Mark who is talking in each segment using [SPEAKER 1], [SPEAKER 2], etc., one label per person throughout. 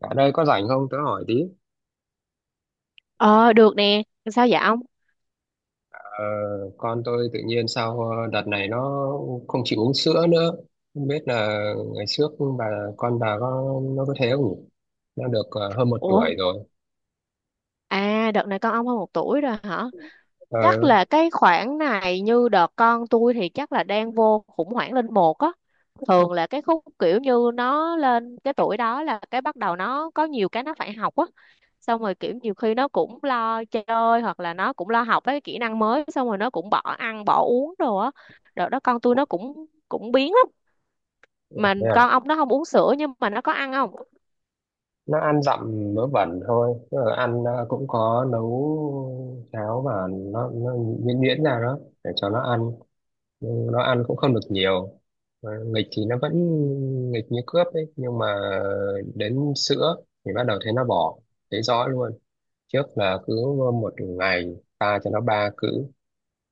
[SPEAKER 1] Bạn ơi có rảnh không? Tớ hỏi tí.
[SPEAKER 2] Ờ được nè, sao vậy ông?
[SPEAKER 1] Ờ, con tôi tự nhiên sau đợt này nó không chịu uống sữa nữa. Không biết là ngày trước bà con bà có nó có thế không nhỉ? Nó được hơn một
[SPEAKER 2] Ủa,
[SPEAKER 1] tuổi rồi.
[SPEAKER 2] à đợt này con ông hơn một tuổi rồi hả?
[SPEAKER 1] Ờ,
[SPEAKER 2] Chắc là cái khoảng này như đợt con tôi thì chắc là đang vô khủng hoảng lên một á. Thường là cái khúc kiểu như nó lên cái tuổi đó là cái bắt đầu nó có nhiều cái nó phải học á. Xong rồi kiểu nhiều khi nó cũng lo chơi hoặc là nó cũng lo học với kỹ năng mới xong rồi nó cũng bỏ ăn bỏ uống đồ á. Đợt đó con tôi nó cũng cũng biến lắm. Mà
[SPEAKER 1] thế à?
[SPEAKER 2] con ông nó không uống sữa nhưng mà nó có ăn không?
[SPEAKER 1] Nó ăn dặm mớ bẩn thôi. Tức là ăn cũng có nấu cháo, và nó nhuyễn nhuyễn ra đó để cho nó ăn, nhưng nó ăn cũng không được nhiều. Mà nghịch thì nó vẫn nghịch như cướp ấy, nhưng mà đến sữa thì bắt đầu thấy nó bỏ, thấy rõ luôn. Trước là cứ một ngày ta cho nó 3 cữ,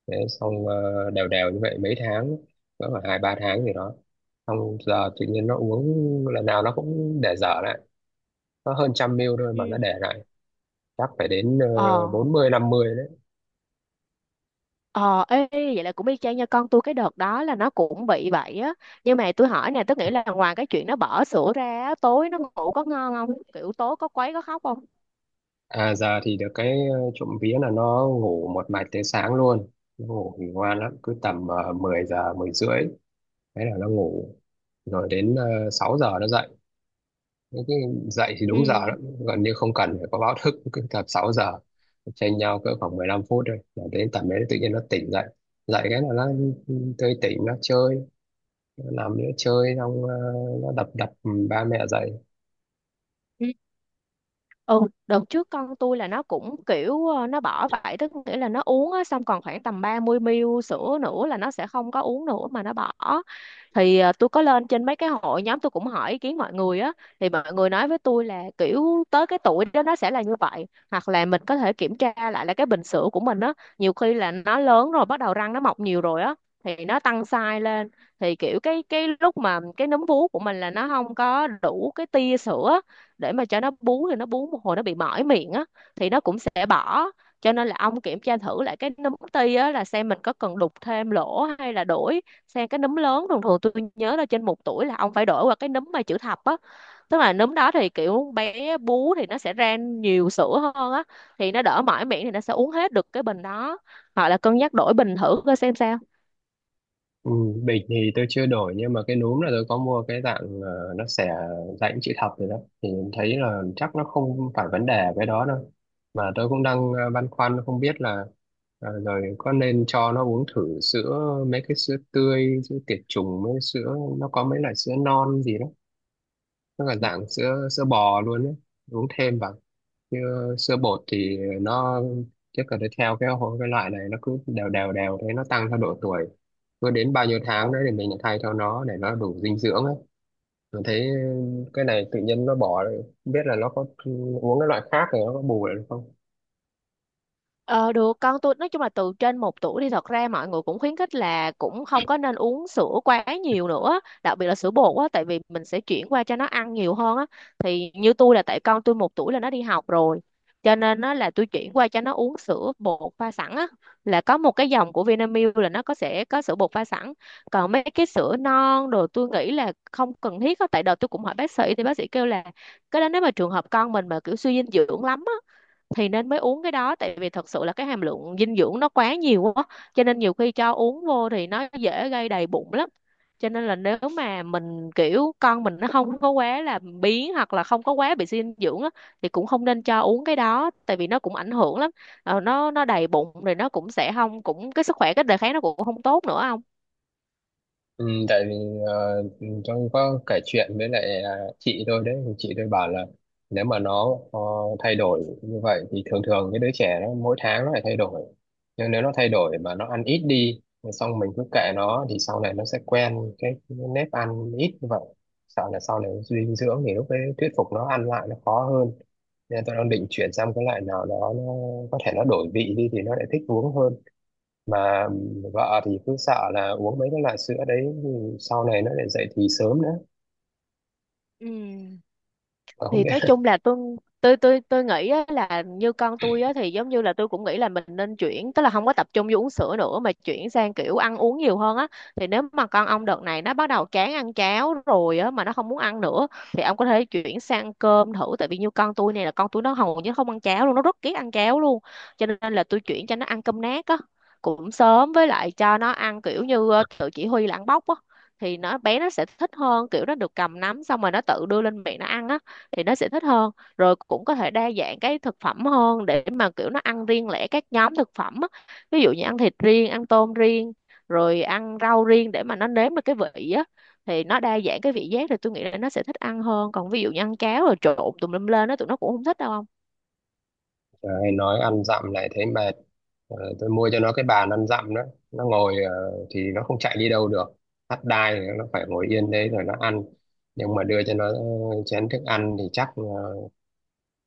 [SPEAKER 1] thế xong đều đều như vậy mấy tháng, cỡ khoảng 2-3 tháng gì đó. Xong giờ tự nhiên nó uống, lần nào nó cũng để dở lại, nó hơn 100 ml thôi mà nó
[SPEAKER 2] Ừ.
[SPEAKER 1] để lại chắc phải đến
[SPEAKER 2] Ờ.
[SPEAKER 1] 40-50.
[SPEAKER 2] Ờ, ê, ê, vậy là cũng y chang nha, con tôi cái đợt đó là nó cũng bị vậy á, nhưng mà tôi hỏi nè, tôi nghĩ là ngoài cái chuyện nó bỏ sữa ra á, tối nó ngủ có ngon không, kiểu tối có quấy có khóc không?
[SPEAKER 1] À, giờ thì được cái trộm vía là nó ngủ một mạch tới sáng luôn. Nó ngủ thì ngoan lắm, cứ tầm 10 giờ, 10:30, thế là nó ngủ. Rồi đến 6 giờ nó dậy. Thế cái dậy thì đúng giờ lắm, gần như không cần phải có báo thức, cứ tầm 6 giờ. Chênh nhau cỡ khoảng 15 phút thôi. Là đến tầm đấy tự nhiên nó tỉnh dậy. Dậy cái là nó tươi tỉnh, nó chơi, nó nằm nữa chơi, xong nó đập đập ba mẹ dậy.
[SPEAKER 2] Ừ. Ừ, đợt trước con tôi là nó cũng kiểu nó bỏ vậy, tức nghĩa là nó uống á, xong còn khoảng tầm 30ml sữa nữa là nó sẽ không có uống nữa mà nó bỏ. Thì tôi có lên trên mấy cái hội nhóm tôi cũng hỏi ý kiến mọi người á, thì mọi người nói với tôi là kiểu tới cái tuổi đó nó sẽ là như vậy, hoặc là mình có thể kiểm tra lại là cái bình sữa của mình á. Nhiều khi là nó lớn rồi bắt đầu răng nó mọc nhiều rồi á thì nó tăng size lên, thì kiểu cái lúc mà cái núm vú của mình là nó không có đủ cái tia sữa để mà cho nó bú, thì nó bú một hồi nó bị mỏi miệng á thì nó cũng sẽ bỏ. Cho nên là ông kiểm tra thử lại cái núm ti á, là xem mình có cần đục thêm lỗ hay là đổi sang cái núm lớn. Thường thường tôi nhớ là trên một tuổi là ông phải đổi qua cái núm mà chữ thập á, tức là núm đó thì kiểu bé bú thì nó sẽ ra nhiều sữa hơn á thì nó đỡ mỏi miệng thì nó sẽ uống hết được cái bình đó. Hoặc là cân nhắc đổi bình thử coi xem sao.
[SPEAKER 1] Ừ, bịch thì tôi chưa đổi, nhưng mà cái núm là tôi có mua cái dạng nó xẻ dạng chữ thập rồi đó. Thì thấy là chắc nó không phải vấn đề cái đó đâu, mà tôi cũng đang băn khoăn không biết là rồi có nên cho nó uống thử sữa, mấy cái sữa tươi, sữa tiệt trùng, mấy sữa nó có mấy loại sữa non gì đó, nó là dạng sữa sữa bò luôn đấy, uống thêm vào. Chứ sữa bột thì nó chắc là nó theo cái loại này, nó cứ đều đều đều thế nó tăng theo độ tuổi, cứ đến bao nhiêu tháng đấy thì mình lại thay cho nó để nó đủ dinh dưỡng ấy. Mình thấy cái này tự nhiên nó bỏ rồi, không biết là nó có uống cái loại khác thì nó có bù lại được không.
[SPEAKER 2] Ờ được. Con tôi nói chung là từ trên một tuổi thì thật ra mọi người cũng khuyến khích là cũng không có nên uống sữa quá nhiều nữa, đặc biệt là sữa bột á, tại vì mình sẽ chuyển qua cho nó ăn nhiều hơn á. Thì như tôi là tại con tôi một tuổi là nó đi học rồi, cho nên nó là tôi chuyển qua cho nó uống sữa bột pha sẵn á, là có một cái dòng của Vinamilk là nó có, sẽ có sữa bột pha sẵn. Còn mấy cái sữa non đồ tôi nghĩ là không cần thiết á, tại đợt tôi cũng hỏi bác sĩ thì bác sĩ kêu là cái đó nếu mà trường hợp con mình mà kiểu suy dinh dưỡng lắm thì nên mới uống cái đó, tại vì thật sự là cái hàm lượng dinh dưỡng nó quá nhiều quá, cho nên nhiều khi cho uống vô thì nó dễ gây đầy bụng lắm. Cho nên là nếu mà mình kiểu con mình nó không có quá là biếng hoặc là không có quá bị suy dinh dưỡng á, thì cũng không nên cho uống cái đó tại vì nó cũng ảnh hưởng lắm. Ờ, nó đầy bụng rồi nó cũng sẽ không, cũng cái sức khỏe cái đề kháng nó cũng không tốt nữa không.
[SPEAKER 1] Ừ, tại vì ờ, trong có kể chuyện với lại chị tôi đấy, thì chị tôi bảo là nếu mà nó thay đổi như vậy thì thường thường cái đứa trẻ nó mỗi tháng nó lại thay đổi. Nhưng nếu nó thay đổi mà nó ăn ít đi, xong mình cứ kệ nó thì sau này nó sẽ quen cái nếp ăn ít như vậy. Sợ là sau này dinh dưỡng thì lúc đấy thuyết phục nó ăn lại nó khó hơn, nên tôi đang định chuyển sang cái loại nào đó nó có thể nó đổi vị đi thì nó lại thích uống hơn. Mà vợ thì cứ sợ là uống mấy cái loại sữa đấy thì sau này nó lại dậy thì sớm nữa,
[SPEAKER 2] Ừ.
[SPEAKER 1] mà không
[SPEAKER 2] Thì nói
[SPEAKER 1] biết.
[SPEAKER 2] chung là tôi nghĩ á, là như con tôi á, thì giống như là tôi cũng nghĩ là mình nên chuyển, tức là không có tập trung vô uống sữa nữa mà chuyển sang kiểu ăn uống nhiều hơn á. Thì nếu mà con ông đợt này nó bắt đầu chán ăn cháo rồi á mà nó không muốn ăn nữa, thì ông có thể chuyển sang cơm thử, tại vì như con tôi này là con tôi nó hầu như không ăn cháo luôn, nó rất ghét ăn cháo luôn, cho nên là tôi chuyển cho nó ăn cơm nát á, cũng sớm, với lại cho nó ăn kiểu như tự chỉ huy là ăn bóc á, thì nó bé nó sẽ thích hơn, kiểu nó được cầm nắm xong rồi nó tự đưa lên miệng nó ăn á thì nó sẽ thích hơn. Rồi cũng có thể đa dạng cái thực phẩm hơn để mà kiểu nó ăn riêng lẻ các nhóm thực phẩm á. Ví dụ như ăn thịt riêng, ăn tôm riêng, rồi ăn rau riêng, để mà nó nếm được cái vị á thì nó đa dạng cái vị giác thì tôi nghĩ là nó sẽ thích ăn hơn. Còn ví dụ như ăn cháo rồi trộn tùm lum lên á tụi nó cũng không thích đâu không?
[SPEAKER 1] Trời, nói ăn dặm lại thấy mệt. Tôi mua cho nó cái bàn ăn dặm đó, nó ngồi thì nó không chạy đi đâu được, thắt đai thì nó phải ngồi yên đấy rồi nó ăn. Nhưng mà đưa cho nó chén thức ăn thì chắc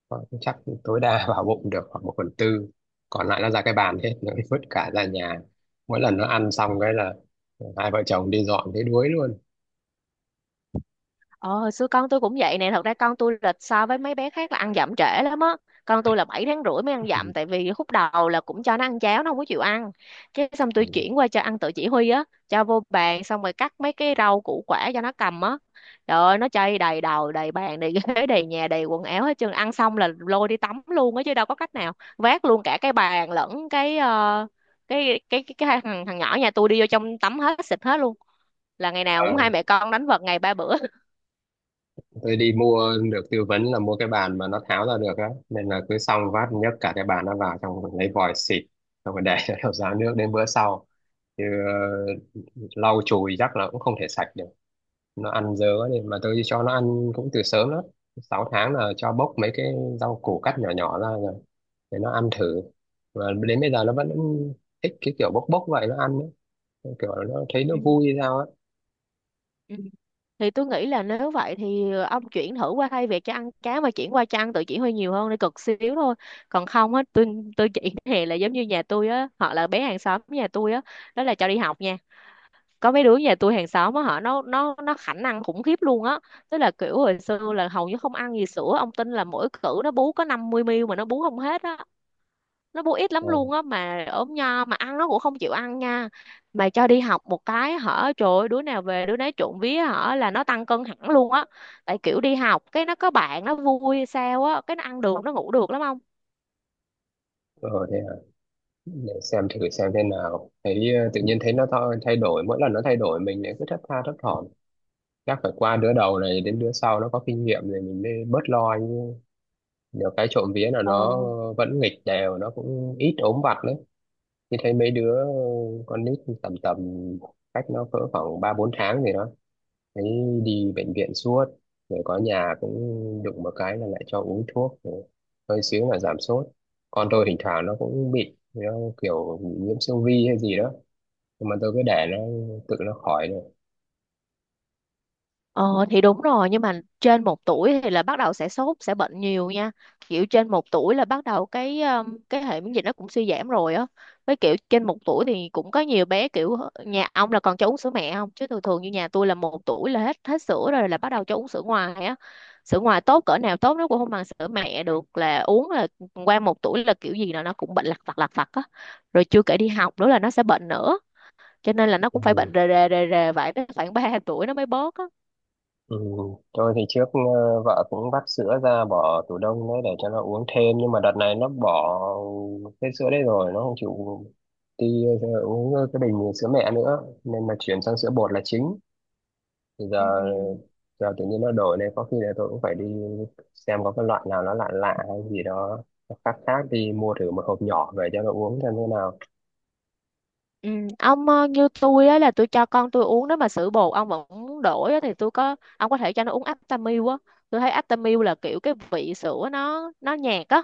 [SPEAKER 1] ờ, chắc tối đa vào bụng được khoảng một phần tư, còn lại nó ra cái bàn hết, nó vứt cả ra nhà. Mỗi lần nó ăn xong cái là hai vợ chồng đi dọn thấy đuối luôn.
[SPEAKER 2] Ờ, xưa con tôi cũng vậy nè. Thật ra con tôi là so với mấy bé khác là ăn dặm trễ lắm á. Con tôi là 7 tháng rưỡi mới ăn dặm, tại vì khúc đầu là cũng cho nó ăn cháo nó không có chịu ăn. Cái xong tôi chuyển qua cho ăn tự chỉ huy á, cho vô bàn xong rồi cắt mấy cái rau củ quả cho nó cầm á. Trời ơi, nó chơi đầy đầu, đầy bàn, đầy ghế, đầy nhà, đầy quần áo hết trơn. Ăn xong là lôi đi tắm luôn á chứ đâu có cách nào. Vác luôn cả cái bàn lẫn cái cái thằng thằng nhỏ nhà tôi đi vô trong tắm hết, xịt hết luôn. Là ngày nào cũng hai
[SPEAKER 1] Ừ.
[SPEAKER 2] mẹ con đánh vật ngày ba bữa.
[SPEAKER 1] Tôi đi mua được tư vấn là mua cái bàn mà nó tháo ra được á, nên là cứ xong vát nhấc cả cái bàn nó vào trong lấy vòi xịt, xong rồi để nó ráo nước đến bữa sau, chứ lau chùi chắc là cũng không thể sạch được. Nó ăn dớ đi mà. Tôi cho nó ăn cũng từ sớm lắm, 6 tháng là cho bốc mấy cái rau củ cắt nhỏ nhỏ ra rồi để nó ăn thử, và đến bây giờ nó vẫn thích cái kiểu bốc bốc vậy nó ăn ấy. Kiểu nó thấy nó
[SPEAKER 2] Ừ.
[SPEAKER 1] vui hay sao á.
[SPEAKER 2] Ừ. Thì tôi nghĩ là nếu vậy thì ông chuyển thử qua, thay vì cho ăn cá mà chuyển qua cho ăn tự chỉ huy nhiều hơn, để cực xíu thôi. Còn không á tôi chuyển hè, là giống như nhà tôi á, họ là bé hàng xóm nhà tôi á, đó là cho đi học nha. Có mấy đứa nhà tôi hàng xóm á họ nó khả năng khủng khiếp luôn á, tức là kiểu hồi xưa là hầu như không ăn gì, sữa ông tin là mỗi cữ nó bú có 50ml mà nó bú không hết á, nó bu ít
[SPEAKER 1] ờ,
[SPEAKER 2] lắm luôn á, mà ốm nho mà ăn nó cũng không chịu ăn nha. Mà cho đi học một cái hở, trời ơi, đứa nào về đứa nấy trộn vía hở là nó tăng cân hẳn luôn á, tại kiểu đi học cái nó có bạn nó vui hay sao á cái nó ăn được nó ngủ được lắm không.
[SPEAKER 1] ờ, thế để xem thử xem thế nào, thấy tự nhiên thấy nó thay đổi, mỗi lần nó thay đổi mình lại cứ thất tha thất thỏm. Chắc phải qua đứa đầu này đến đứa sau nó có kinh nghiệm rồi mình mới bớt lo chứ. Nhiều cái trộm vía là nó vẫn nghịch đều, nó cũng ít ốm vặt đấy, như thấy mấy đứa con nít tầm tầm cách nó cỡ khoảng 3-4 tháng gì đó thấy đi bệnh viện suốt. Rồi có nhà cũng đụng một cái là lại cho uống thuốc rồi, hơi xíu là giảm sốt. Con tôi thỉnh thoảng nó cũng bị, nó kiểu bị nhiễm siêu vi hay gì đó, nhưng mà tôi cứ để nó tự nó khỏi được.
[SPEAKER 2] Ờ thì đúng rồi, nhưng mà trên một tuổi thì là bắt đầu sẽ sốt sẽ bệnh nhiều nha, kiểu trên một tuổi là bắt đầu cái hệ miễn dịch nó cũng suy giảm rồi á. Với kiểu trên một tuổi thì cũng có nhiều bé kiểu nhà ông là còn cho uống sữa mẹ không, chứ thường thường như nhà tôi là một tuổi là hết hết sữa rồi, là bắt đầu cho uống sữa ngoài á. Sữa ngoài tốt cỡ nào tốt nó cũng không bằng sữa mẹ được, là uống là qua một tuổi là kiểu gì là nó cũng bệnh lặt vặt á, rồi chưa kể đi học nữa là nó sẽ bệnh nữa, cho nên là nó cũng phải
[SPEAKER 1] Ừ.
[SPEAKER 2] bệnh rề rề rề rề vậy tới khoảng ba tuổi nó mới bớt á.
[SPEAKER 1] Ừ. Tôi thì trước vợ cũng vắt sữa ra bỏ tủ đông đấy để cho nó uống thêm, nhưng mà đợt này nó bỏ cái sữa đấy rồi, nó không chịu đi uống cái bình sữa mẹ nữa, nên mà chuyển sang sữa bột là chính. Thì
[SPEAKER 2] Ừ.
[SPEAKER 1] giờ giờ tự nhiên nó đổi này, có khi là tôi cũng phải đi xem có cái loại nào nó lạ lạ hay gì đó, nó khác khác, đi mua thử một hộp nhỏ về cho nó uống xem thế nào.
[SPEAKER 2] Ừ. Ông như tôi á là tôi cho con tôi uống, nếu mà sữa bột ông vẫn muốn đổi á, thì tôi có ông có thể cho nó uống Aptamil á. Tôi thấy Aptamil là kiểu cái vị sữa nó nhạt á,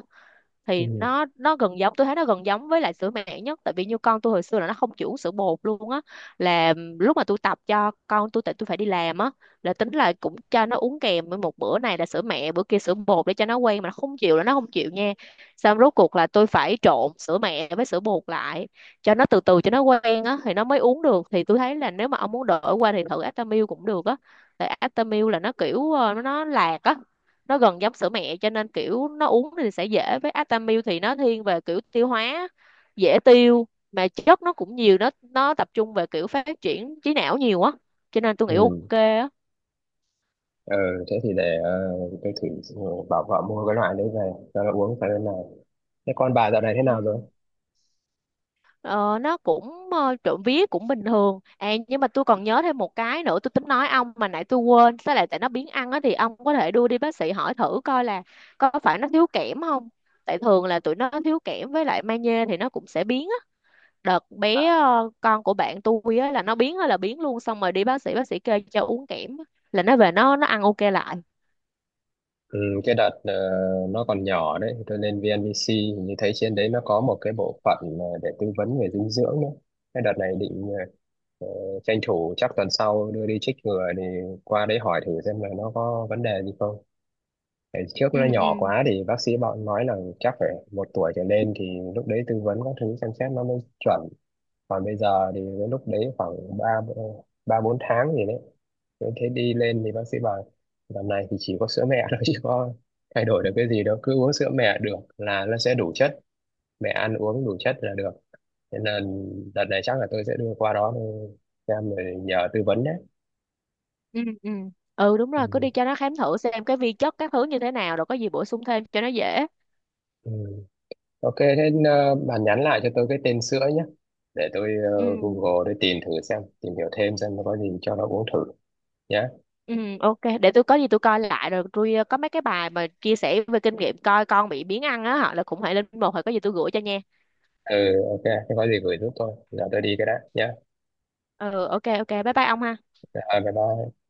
[SPEAKER 2] thì
[SPEAKER 1] Ừ.
[SPEAKER 2] nó gần giống, tôi thấy nó gần giống với lại sữa mẹ nhất, tại vì như con tôi hồi xưa là nó không chưởng sữa bột luôn á. Là lúc mà tôi tập cho con tôi, tại tôi phải đi làm á, là tính là cũng cho nó uống kèm với một bữa này là sữa mẹ bữa kia sữa bột để cho nó quen, mà nó không chịu là nó không chịu nha. Xong rốt cuộc là tôi phải trộn sữa mẹ với sữa bột lại cho nó từ từ cho nó quen á thì nó mới uống được. Thì tôi thấy là nếu mà ông muốn đổi qua thì thử Aptamil cũng được á, tại Aptamil là nó kiểu nó lạc á, nó gần giống sữa mẹ cho nên kiểu nó uống thì sẽ dễ. Với Atamil thì nó thiên về kiểu tiêu hóa, dễ tiêu, mà chất nó cũng nhiều, nó tập trung về kiểu phát triển trí não nhiều á, cho nên tôi nghĩ
[SPEAKER 1] Ừ.
[SPEAKER 2] ok á.
[SPEAKER 1] ờ thế thì để tôi thử bảo vợ mua cái loại đấy về cho nó uống phải bên nào. Thế con bà dạo này thế nào rồi?
[SPEAKER 2] Ừ. Ờ, nó cũng trộm vía cũng bình thường à, nhưng mà tôi còn nhớ thêm một cái nữa tôi tính nói ông mà nãy tôi quên. Với lại tại nó biến ăn á thì ông có thể đưa đi bác sĩ hỏi thử coi là có phải nó thiếu kẽm không, tại thường là tụi nó thiếu kẽm với lại magie thì nó cũng sẽ biến. Đợt bé con của bạn tôi á là nó biến á là biến luôn, xong rồi đi bác sĩ, bác sĩ kê cho uống kẽm á, là nó về nó ăn ok lại.
[SPEAKER 1] Ừ, cái đợt nó còn nhỏ đấy, thì tôi lên VNVC hình như thấy trên đấy nó có một cái bộ phận để tư vấn về dinh dưỡng nữa. Cái đợt này định ờ, tranh thủ chắc tuần sau đưa đi chích ngừa, thì qua đấy hỏi thử xem là nó có vấn đề gì không. Tại trước
[SPEAKER 2] Ừ.
[SPEAKER 1] nó nhỏ
[SPEAKER 2] Ừ.
[SPEAKER 1] quá thì bác sĩ bọn nói là chắc phải 1 tuổi trở lên thì lúc đấy tư vấn các thứ xem xét nó mới chuẩn, còn bây giờ thì cái lúc đấy khoảng ba ba bốn tháng gì đấy. Thế thế đi lên thì bác sĩ bảo tầm này thì chỉ có sữa mẹ thôi chứ có thay đổi được cái gì đâu, cứ uống sữa mẹ được là nó sẽ đủ chất, mẹ ăn uống đủ chất là được, thế nên đợt này chắc là tôi sẽ đưa qua đó để xem rồi nhờ tư vấn đấy.
[SPEAKER 2] ừ Ừ đúng
[SPEAKER 1] Ừ.
[SPEAKER 2] rồi, cứ đi cho nó khám thử xem cái vi chất các thứ như thế nào rồi có gì bổ sung thêm cho nó dễ.
[SPEAKER 1] Ừ. Ok, thế bạn nhắn lại cho tôi cái tên sữa nhé, để tôi
[SPEAKER 2] Ừ.
[SPEAKER 1] Google để tìm thử xem, tìm hiểu thêm xem nó có gì cho nó uống thử nhé.
[SPEAKER 2] Ừ. Ok, để tôi có gì tôi coi lại rồi tôi có mấy cái bài mà chia sẻ về kinh nghiệm coi con bị biến ăn á, họ là cũng hãy lên một hồi, có gì tôi gửi cho nha.
[SPEAKER 1] Ừ, ok, không có gì gửi giúp tôi, giờ tôi đi cái đã nhé.
[SPEAKER 2] Ừ. Ok, ok, bye bye ông ha.
[SPEAKER 1] À, bye bye.